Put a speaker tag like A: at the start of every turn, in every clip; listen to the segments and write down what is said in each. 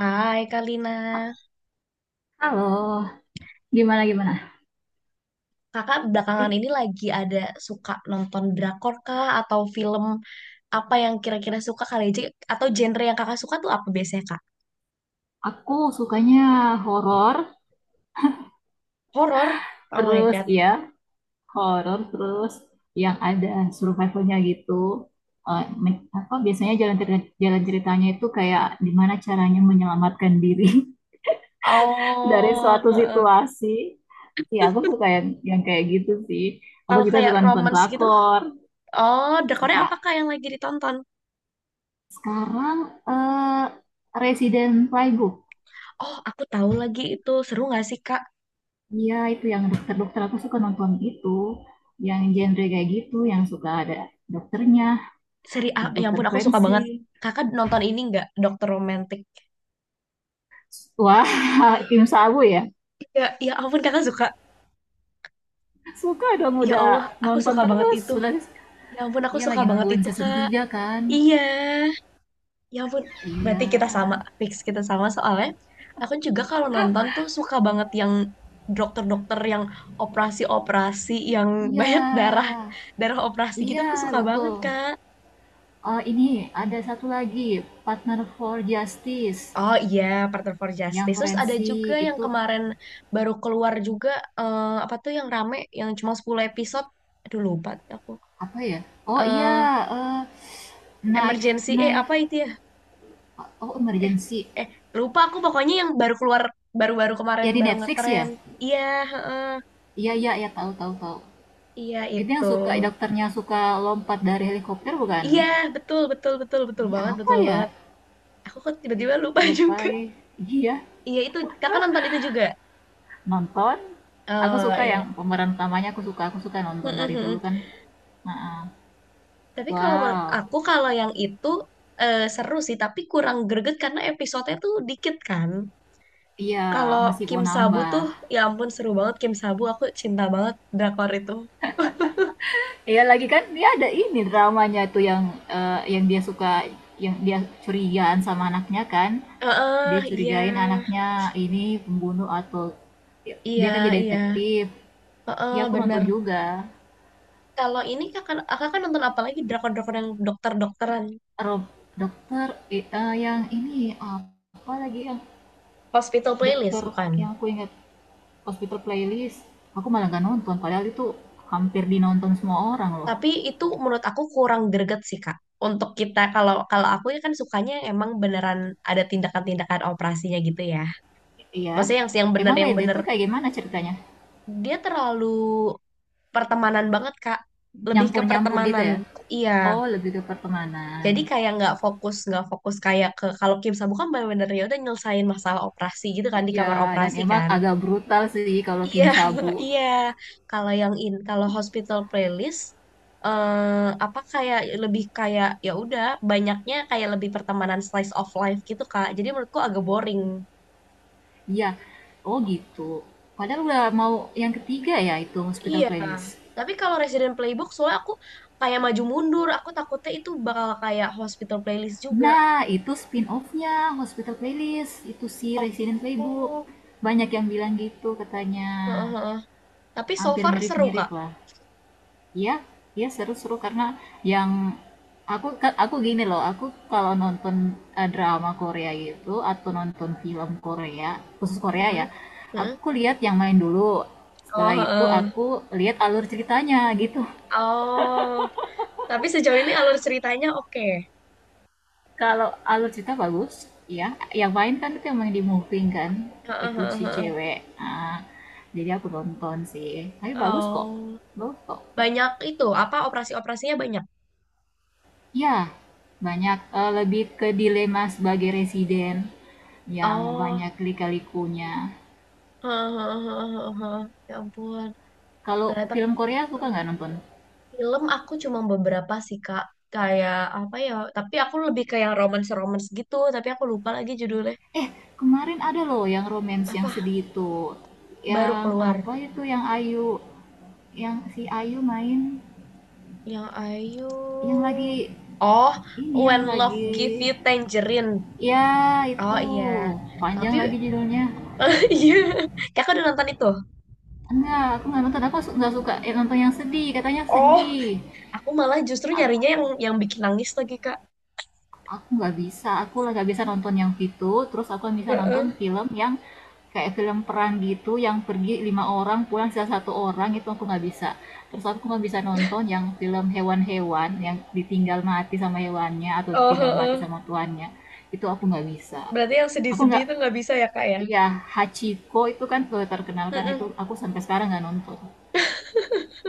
A: Hai Kalina,
B: Halo, gimana gimana?
A: kakak belakangan
B: Ih,
A: ini lagi ada suka nonton drakor kah atau film apa yang kira-kira suka kali aja atau genre yang kakak suka tuh apa biasanya kak?
B: aku sukanya horor,
A: Horor? Oh my
B: terus
A: God.
B: ya horor terus yang ada survivalnya gitu. Apa biasanya jalan ceritanya itu kayak gimana caranya menyelamatkan diri dari
A: Oh,
B: suatu
A: heeh.
B: situasi. Ya aku suka yang kayak gitu sih. Aku
A: Kalau
B: juga
A: kayak
B: suka nonton
A: romance gitu?
B: drakor.
A: Oh, drakornya
B: Suka
A: apa kak yang lagi ditonton?
B: sekarang eh Resident Playbook.
A: Oh, aku tahu lagi itu seru nggak sih kak?
B: Iya, itu yang dokter-dokter aku suka nonton itu, yang genre kayak gitu, yang suka ada dokternya,
A: Seri, ah, ya
B: dokter
A: ampun aku suka banget.
B: forensik.
A: Kakak nonton ini nggak, Dokter Romantik?
B: Wah, Kim Sabu ya.
A: Ya, ya ampun kakak suka.
B: Suka dong
A: Ya
B: udah
A: Allah, aku
B: nonton
A: suka banget
B: terus.
A: itu.
B: Sudah
A: Ya ampun, aku
B: iya
A: suka
B: lagi
A: banget
B: nungguin
A: itu,
B: season
A: Kak.
B: 3 kan.
A: Iya, ya ampun. Berarti
B: Iya.
A: kita sama, fix kita sama soalnya. Aku juga kalau nonton tuh suka banget yang dokter-dokter yang operasi-operasi yang banyak darah
B: Iya.
A: darah operasi gitu aku
B: Iya,
A: suka banget
B: betul.
A: Kak.
B: Oh, ini ada satu lagi, Partner for Justice
A: Oh iya, Partner for
B: yang
A: Justice. Terus ada juga
B: forensik
A: yang
B: itu
A: kemarin baru keluar juga, apa tuh yang rame yang cuma 10 episode. Aduh lupa aku.
B: apa ya? Oh iya,
A: eh
B: eh, Knife
A: Emergency,
B: Knife
A: apa itu ya?
B: Oh,
A: eh
B: emergency.
A: eh lupa aku pokoknya yang baru keluar baru-baru kemarin
B: Ya di
A: baru
B: Netflix ya?
A: ngetren. Iya, heeh,
B: Iya, iya, ya tahu, tahu, tahu.
A: iya
B: Itu yang
A: itu,
B: suka dokternya suka lompat dari helikopter bukan?
A: iya, betul betul betul betul
B: Ih,
A: banget,
B: apa
A: betul
B: ya?
A: banget. Aku kok tiba-tiba lupa juga.
B: Lupa. Eh. Iya,
A: Iya itu kakak nonton itu juga.
B: nonton. Aku
A: Oh
B: suka yang
A: iya.
B: pemeran utamanya aku suka
A: Mm,
B: nonton
A: mm,
B: dari dulu
A: mm.
B: kan. Nah,
A: Tapi kalau menurut
B: wow.
A: aku kalau yang itu seru sih tapi kurang greget karena episodenya tuh dikit kan.
B: Iya,
A: Kalau
B: masih
A: Kim
B: mau
A: Sabu
B: nambah.
A: tuh, ya ampun seru banget Kim Sabu, aku cinta banget drakor itu.
B: Iya lagi kan dia ada ini dramanya tuh yang dia suka yang dia curigaan sama anaknya kan.
A: Heeh,
B: Dia
A: iya,
B: curigain anaknya ini pembunuh atau ya,
A: iya,
B: dia kan jadi
A: iya.
B: detektif. Ya
A: Heeh,
B: aku nonton
A: bener.
B: juga.
A: Kalau ini kakak, kan nonton apa lagi drakor-drakor yang dokter-dokteran?
B: Rob dokter yang ini apa lagi yang
A: Hospital Playlist,
B: dokter
A: bukan?
B: yang aku ingat hospital playlist. Aku malah gak nonton padahal itu hampir dinonton semua orang loh.
A: Tapi itu menurut aku kurang greget sih, Kak. Untuk kita, kalau kalau aku ya kan sukanya emang beneran ada tindakan-tindakan operasinya gitu ya.
B: Iya.
A: Maksudnya yang bener,
B: Emang
A: yang
B: beda
A: bener.
B: tuh kayak gimana ceritanya?
A: Dia terlalu pertemanan banget, Kak. Lebih ke
B: Nyampur-nyampur gitu
A: pertemanan.
B: ya?
A: Iya.
B: Oh, lebih ke pertemanan.
A: Jadi kayak nggak fokus kayak ke kalau Kim sa kan bener-bener ya udah nyelesain masalah operasi gitu kan di
B: Iya,
A: kamar
B: dan
A: operasi
B: emang
A: kan.
B: agak brutal sih kalau
A: Iya,
B: Kim Sabu.
A: iya. Kalau kalau hospital playlist apa kayak lebih kayak ya udah banyaknya kayak lebih pertemanan slice of life gitu Kak. Jadi menurutku agak boring.
B: Iya. Oh gitu. Padahal udah mau yang ketiga ya itu Hospital
A: Iya.
B: Playlist.
A: Tapi kalau Resident Playbook soalnya aku kayak maju mundur, aku takutnya itu bakal kayak hospital playlist juga.
B: Nah, itu spin-off-nya Hospital Playlist. Itu si Resident Playbook.
A: Oh,
B: Banyak yang bilang gitu katanya.
A: heeh, heeh. Tapi so
B: Hampir
A: far seru Kak.
B: mirip-mirip lah. Iya, iya seru-seru karena yang aku kan aku gini loh, aku kalau nonton drama Korea gitu atau nonton film Korea, khusus Korea ya,
A: Heeh, heeh.
B: aku lihat yang main dulu.
A: Oh,
B: Setelah itu
A: heeh.
B: aku lihat alur ceritanya gitu.
A: Oh. Tapi sejauh ini alur ceritanya oke.
B: Kalau alur cerita bagus, ya. Yang main kan itu yang main di Moving kan,
A: Heeh,
B: itu
A: heeh,
B: si
A: heeh.
B: cewek. Ah, jadi aku nonton sih. Tapi bagus kok.
A: Oh.
B: Bagus kok.
A: Banyak itu, apa operasi-operasinya banyak.
B: Ya, banyak lebih ke dilema sebagai residen yang
A: Oh,
B: banyak lika-likunya.
A: ya ampun.
B: Kalau
A: Ternyata
B: film Korea suka nggak nonton?
A: film aku cuma beberapa sih, Kak. Kayak apa ya? Tapi aku lebih ke yang romance-romance gitu. Tapi aku lupa lagi judulnya.
B: Eh, Kemarin ada loh yang romance yang
A: Apa?
B: sedih itu.
A: Baru
B: Yang
A: keluar.
B: apa itu yang Ayu yang si Ayu main
A: Yang Ayu.
B: yang lagi
A: Oh,
B: ini yang
A: When Love Give
B: lagi
A: You Tangerine.
B: ya,
A: Oh
B: itu
A: iya. Tapi
B: panjang lagi judulnya.
A: iya. Kakak udah nonton itu?
B: Enggak, aku nggak nonton. Aku nggak suka nonton yang sedih. Katanya
A: Oh,
B: sedih.
A: aku malah justru
B: Aku,
A: nyarinya yang bikin nangis lagi, Kak.
B: aku nggak bisa. Aku lah nggak bisa nonton yang itu. Terus aku bisa nonton
A: Heeh.
B: film yang kayak film perang gitu, yang pergi lima orang, pulang sisa satu orang. Itu aku nggak bisa. Terus aku nggak bisa nonton yang film hewan-hewan yang ditinggal mati sama hewannya atau
A: Oh,
B: ditinggal mati
A: heeh.
B: sama tuannya. Itu aku nggak bisa.
A: Berarti yang
B: Aku
A: sedih-sedih
B: nggak.
A: itu nggak bisa ya, Kak, ya?
B: Iya, Hachiko itu kan, terkenal kan itu
A: Mm-mm.
B: aku sampai sekarang nggak nonton,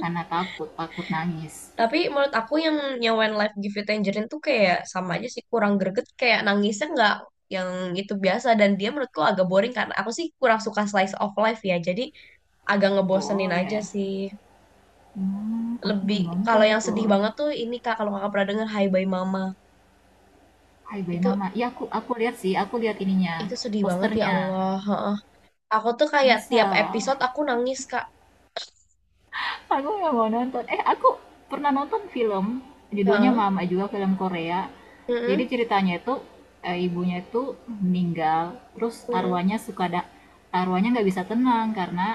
B: karena takut, takut nangis.
A: Tapi menurut aku yang When Life Give You Tangerine tuh kayak sama aja sih, kurang greget. Kayak nangisnya nggak yang itu biasa. Dan dia menurutku agak boring karena aku sih kurang suka slice of life ya. Jadi agak ngebosenin
B: Oh, iya
A: aja
B: ya?
A: sih.
B: Aku
A: Lebih,
B: belum nonton
A: kalau yang
B: itu,
A: sedih banget tuh ini, Kak, kalau kakak pernah denger Hai Bye Mama.
B: Hai Bye
A: Itu
B: Mama. Iya aku lihat sih, aku lihat ininya,
A: itu sedih banget, ya
B: posternya.
A: Allah. Heeh. Aku tuh kayak
B: Masa?
A: tiap episode aku nangis, Kak.
B: Aku nggak mau nonton. Aku pernah nonton film, judulnya
A: Heeh.
B: Mama juga, film Korea. Jadi
A: Mm-mm.
B: ceritanya itu, ibunya itu meninggal, terus
A: Mm-mm.
B: arwahnya suka ada, arwahnya nggak bisa tenang karena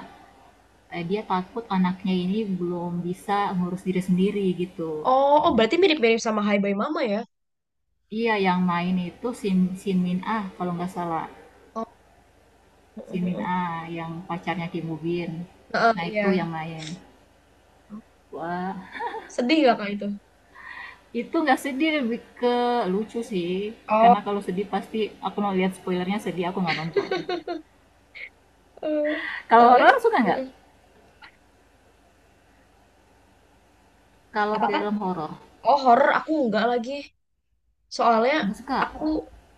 B: dia takut anaknya ini belum bisa ngurus diri sendiri gitu.
A: Oh, oh, berarti mirip-mirip sama Hai Bye Mama ya?
B: Iya yang main itu Sin Min Ah kalau nggak salah.
A: Oh,
B: Sin Min
A: mm-mm.
B: Ah yang pacarnya Kim Woo Bin.
A: Heeh,
B: Nah
A: iya.
B: itu yang main. Wah
A: Sedih gak kak itu?
B: itu nggak sedih lebih ke lucu sih.
A: Oh,
B: Karena kalau sedih pasti aku mau lihat spoilernya sedih aku nggak nonton.
A: Eh,
B: Kalau
A: soalnya,
B: horor suka nggak?
A: eh,
B: Kalau
A: apa kan?
B: film horor
A: Oh, horor aku enggak lagi. Soalnya
B: nggak suka.
A: aku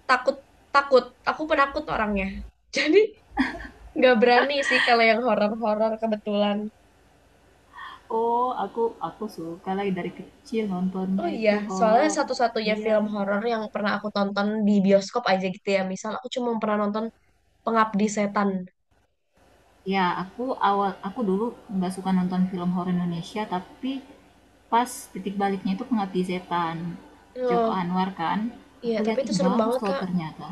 A: takut, takut. Aku penakut orangnya. Jadi nggak berani sih kalau yang horor-horor kebetulan.
B: Oh aku suka lagi dari kecil
A: Oh
B: nontonnya
A: iya,
B: itu
A: soalnya
B: horor.
A: satu-satunya
B: Iya,
A: film horor yang pernah aku tonton di bioskop aja gitu ya. Misal aku cuma pernah nonton Pengabdi Setan.
B: ya, aku awal aku dulu nggak suka nonton film horor Indonesia, tapi pas titik baliknya itu Pengabdi Setan. Joko
A: Oh,
B: Anwar kan,
A: iya,
B: aku
A: tapi
B: lihat
A: itu
B: ih
A: serem
B: bagus
A: banget,
B: loh
A: Kak.
B: ternyata.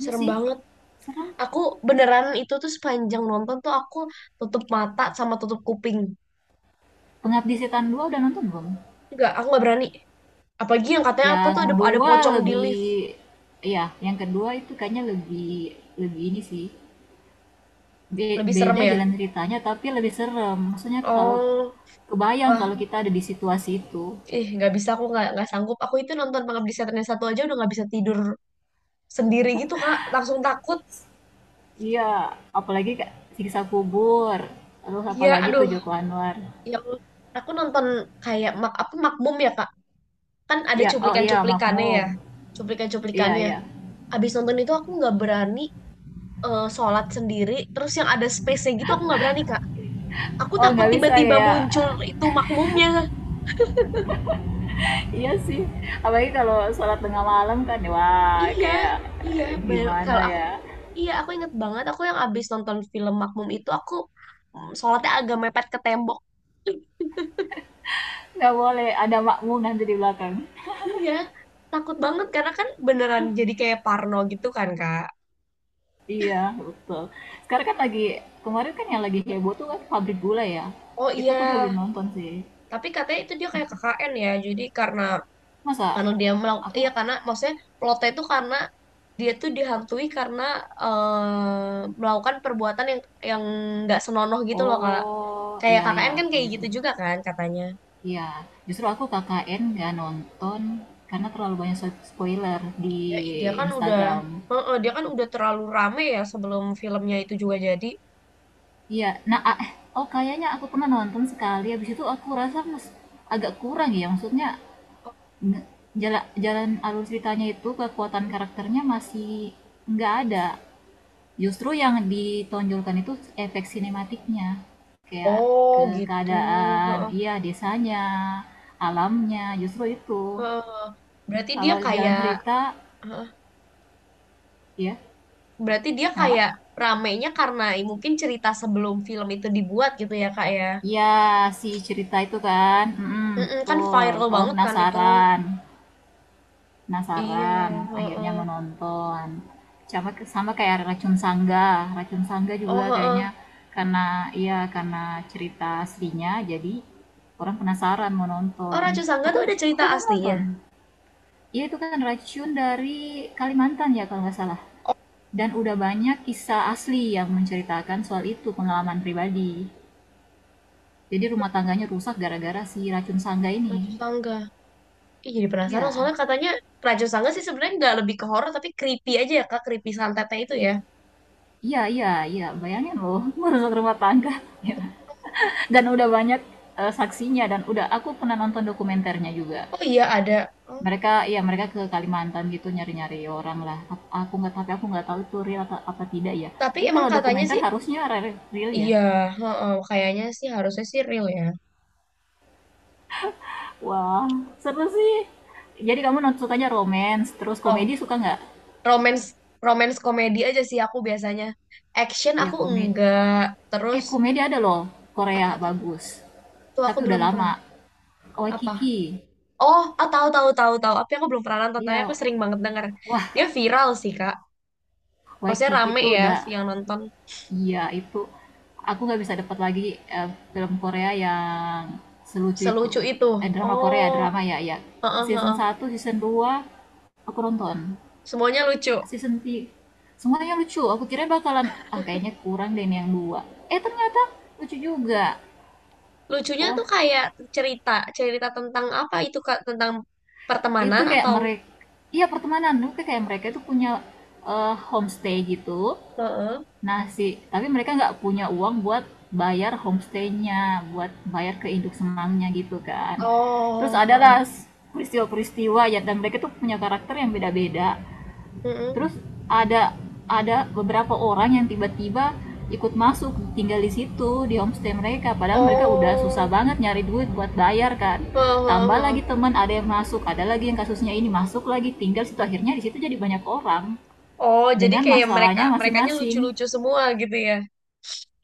B: Iya
A: Serem
B: sih,
A: banget.
B: serem.
A: Aku beneran itu tuh sepanjang nonton tuh aku tutup mata sama tutup kuping.
B: Pengabdi Setan 2 udah nonton belum?
A: Enggak, aku nggak berani. Apalagi yang katanya apa
B: Yang
A: tuh ada
B: dua
A: pocong di
B: lebih,
A: lift.
B: ya, yang kedua itu kayaknya lebih lebih ini sih.
A: Lebih serem
B: Beda
A: ya.
B: jalan ceritanya tapi lebih serem. Maksudnya kalau
A: Oh,
B: kebayang kalau
A: wah,
B: kita ada di situasi itu.
A: ih nggak bisa aku nggak sanggup. Aku itu nonton Pengabdi Setan yang satu aja udah nggak bisa tidur sendiri gitu Kak. Langsung takut.
B: Iya, apalagi Kak, Siksa Kubur, terus
A: Iya,
B: apalagi tuh
A: aduh,
B: Joko Anwar.
A: yang aku nonton kayak apa Makmum ya Kak. Kan ada
B: Ya, oh iya
A: cuplikan-cuplikannya ya.
B: Makmum. Iya,
A: Cuplikan-cuplikannya.
B: iya.
A: Abis nonton itu aku nggak berani, sholat sendiri. Terus yang ada space-nya gitu aku nggak berani Kak. Aku
B: Oh
A: takut
B: nggak bisa
A: tiba-tiba
B: kayak,
A: muncul itu makmumnya.
B: iya sih. Apalagi kalau sholat tengah malam kan, wah
A: Iya,
B: kayak
A: iya.
B: gimana
A: Kalau aku,
B: ya?
A: iya aku inget banget. Aku yang abis nonton film Makmum itu aku sholatnya agak mepet ke tembok.
B: Nggak boleh ada makmum nanti di belakang.
A: Iya, takut banget karena kan beneran jadi kayak parno gitu kan Kak.
B: Iya, betul. Sekarang kan lagi, kemarin kan yang lagi heboh tuh kan pabrik gula ya.
A: Oh
B: Itu aku juga
A: iya,
B: belum nonton sih.
A: tapi katanya itu dia kayak KKN ya. Jadi karena
B: Masa
A: karena dia melakukan,
B: aku,
A: iya, karena maksudnya plotnya itu karena dia tuh dihantui karena melakukan perbuatan yang nggak senonoh gitu loh kak,
B: oh
A: kayak
B: iya, ya
A: KKN kan kayak
B: kayaknya
A: gitu
B: sih.
A: juga kan katanya,
B: Iya, justru aku KKN nggak nonton karena terlalu banyak spoiler di
A: ya
B: Instagram.
A: dia kan udah terlalu rame ya sebelum filmnya itu juga jadi
B: Iya, nah ah, oh kayaknya aku pernah nonton sekali, habis itu aku rasa agak kurang ya, maksudnya nge- jala, jalan alur ceritanya itu kekuatan karakternya masih nggak ada. Justru yang ditonjolkan itu efek sinematiknya, kayak
A: oh
B: ke
A: gitu.
B: keadaan,
A: Heeh,
B: iya desanya, alamnya, justru itu.
A: heeh. Berarti dia
B: Kalau jalan
A: kayak
B: cerita,
A: heeh.
B: ya
A: Berarti dia
B: kenapa?
A: kayak ramenya karena mungkin cerita sebelum film itu dibuat gitu ya kak ya.
B: Iya, si cerita itu kan. Mm-mm,
A: Mm-mm, kan
B: betul.
A: viral
B: Orang
A: banget kan itu.
B: penasaran.
A: Iya,
B: Penasaran. Akhirnya
A: heeh.
B: menonton. Sama, sama kayak Racun Sangga. Racun Sangga
A: Oh,
B: juga kayaknya
A: heeh.
B: karena iya karena cerita aslinya jadi orang penasaran mau
A: Oh,
B: nonton.
A: Raju Sangga
B: Aku
A: tuh ada cerita
B: aku belum nonton.
A: aslinya.
B: Iya itu kan racun dari Kalimantan ya kalau nggak salah.
A: Oh,
B: Dan udah banyak kisah asli yang menceritakan soal itu pengalaman pribadi. Jadi rumah tangganya rusak gara-gara si racun sangga ini.
A: Raju Sangga. Ih, jadi penasaran
B: Ya,
A: soalnya katanya Raju Sangga sih sebenarnya nggak lebih ke horor tapi creepy aja ya Kak, creepy santetnya itu ya.
B: iya, iya, iya. Bayangin loh, merusak rumah tangga. Dan udah banyak saksinya dan udah aku pernah nonton dokumenternya juga.
A: Oh iya ada. Oh,
B: Mereka, ya mereka ke Kalimantan gitu nyari-nyari orang lah. Aku nggak, tapi aku nggak tahu itu real atau apa tidak ya.
A: tapi
B: Tapi
A: emang
B: kalau
A: katanya
B: dokumenter
A: sih,
B: harusnya real ya.
A: iya, heeh, kayaknya sih harusnya sih real ya.
B: Wah, seru sih. Jadi kamu sukanya romance, terus
A: Rom
B: komedi suka nggak?
A: romance romance komedi aja sih aku biasanya. Action
B: Ya
A: aku
B: komedi,
A: enggak. Terus
B: Komedi ada loh, Korea
A: apa tuh?
B: bagus.
A: Tuh aku
B: Tapi udah
A: belum pernah.
B: lama.
A: Apa?
B: Waikiki.
A: Oh, ah, tahu, tahu, tahu, tahu. Tapi aku belum pernah nonton,
B: Iya,
A: tapi aku sering banget denger.
B: wah,
A: Dia viral sih, Kak. Maksudnya
B: Waikiki
A: rame
B: itu
A: ya
B: udah
A: yang nonton
B: iya itu aku nggak bisa dapat lagi eh, film Korea yang selucu itu.
A: selucu itu.
B: Drama Korea,
A: Oh,
B: drama ya, ya.
A: heeh,
B: Season
A: heeh.
B: satu season 2 aku nonton.
A: Semuanya lucu.
B: Season 3 semuanya lucu. Aku kira bakalan ah kayaknya kurang deh ini yang dua. Ternyata lucu juga.
A: Lucunya
B: Wah,
A: tuh kayak cerita, cerita tentang apa itu, Kak? Tentang
B: itu
A: pertemanan
B: kayak
A: atau...
B: mereka, iya pertemanan, itu kayak mereka itu punya homestay gitu.
A: Heeh.
B: Nah, si tapi mereka nggak punya uang buat bayar homestaynya, buat bayar ke induk semangnya gitu kan. Terus
A: Oh, heeh.
B: adalah peristiwa-peristiwa ya dan mereka tuh punya karakter yang beda-beda
A: Mm-mm.
B: terus ada ada beberapa orang yang tiba-tiba ikut masuk tinggal di situ di homestay mereka padahal mereka udah susah
A: Oh,
B: banget nyari duit buat bayar kan
A: heeh, heeh,
B: tambah
A: heeh.
B: lagi teman ada yang masuk ada lagi yang kasusnya ini masuk lagi tinggal situ akhirnya di situ jadi banyak orang
A: Oh, jadi
B: dengan
A: kayak
B: masalahnya
A: merekanya
B: masing-masing
A: lucu-lucu semua gitu ya.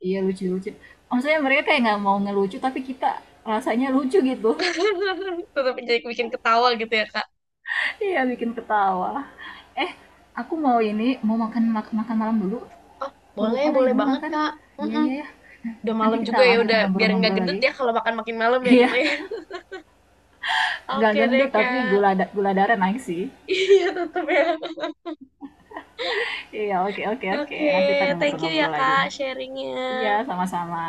B: iya lucu-lucu maksudnya mereka kayak nggak mau ngelucu tapi kita rasanya lucu gitu.
A: Tetap jadi bikin ketawa gitu ya, Kak.
B: Iya bikin ketawa. Eh, aku mau ini mau makan makan malam dulu.
A: Oh,
B: Aku
A: boleh,
B: lupa lagi
A: boleh
B: belum
A: banget,
B: makan.
A: Kak.
B: Iya
A: Mm-mm.
B: iya ya. Nah,
A: Udah
B: nanti
A: malam
B: kita
A: juga ya,
B: lanjut
A: udah biar nggak
B: ngobrol-ngobrol
A: gendut
B: lagi.
A: ya kalau makan makin malam ya gitu
B: Iya,
A: ya.
B: nggak
A: Oke deh,
B: gendut tapi
A: Kak.
B: gula darah naik sih.
A: Iya, tetap ya.
B: Iya, oke oke oke.
A: Oke,
B: Nanti kita
A: thank you ya,
B: ngobrol-ngobrol lagi.
A: Kak,
B: Iya,
A: sharingnya.
B: sama-sama.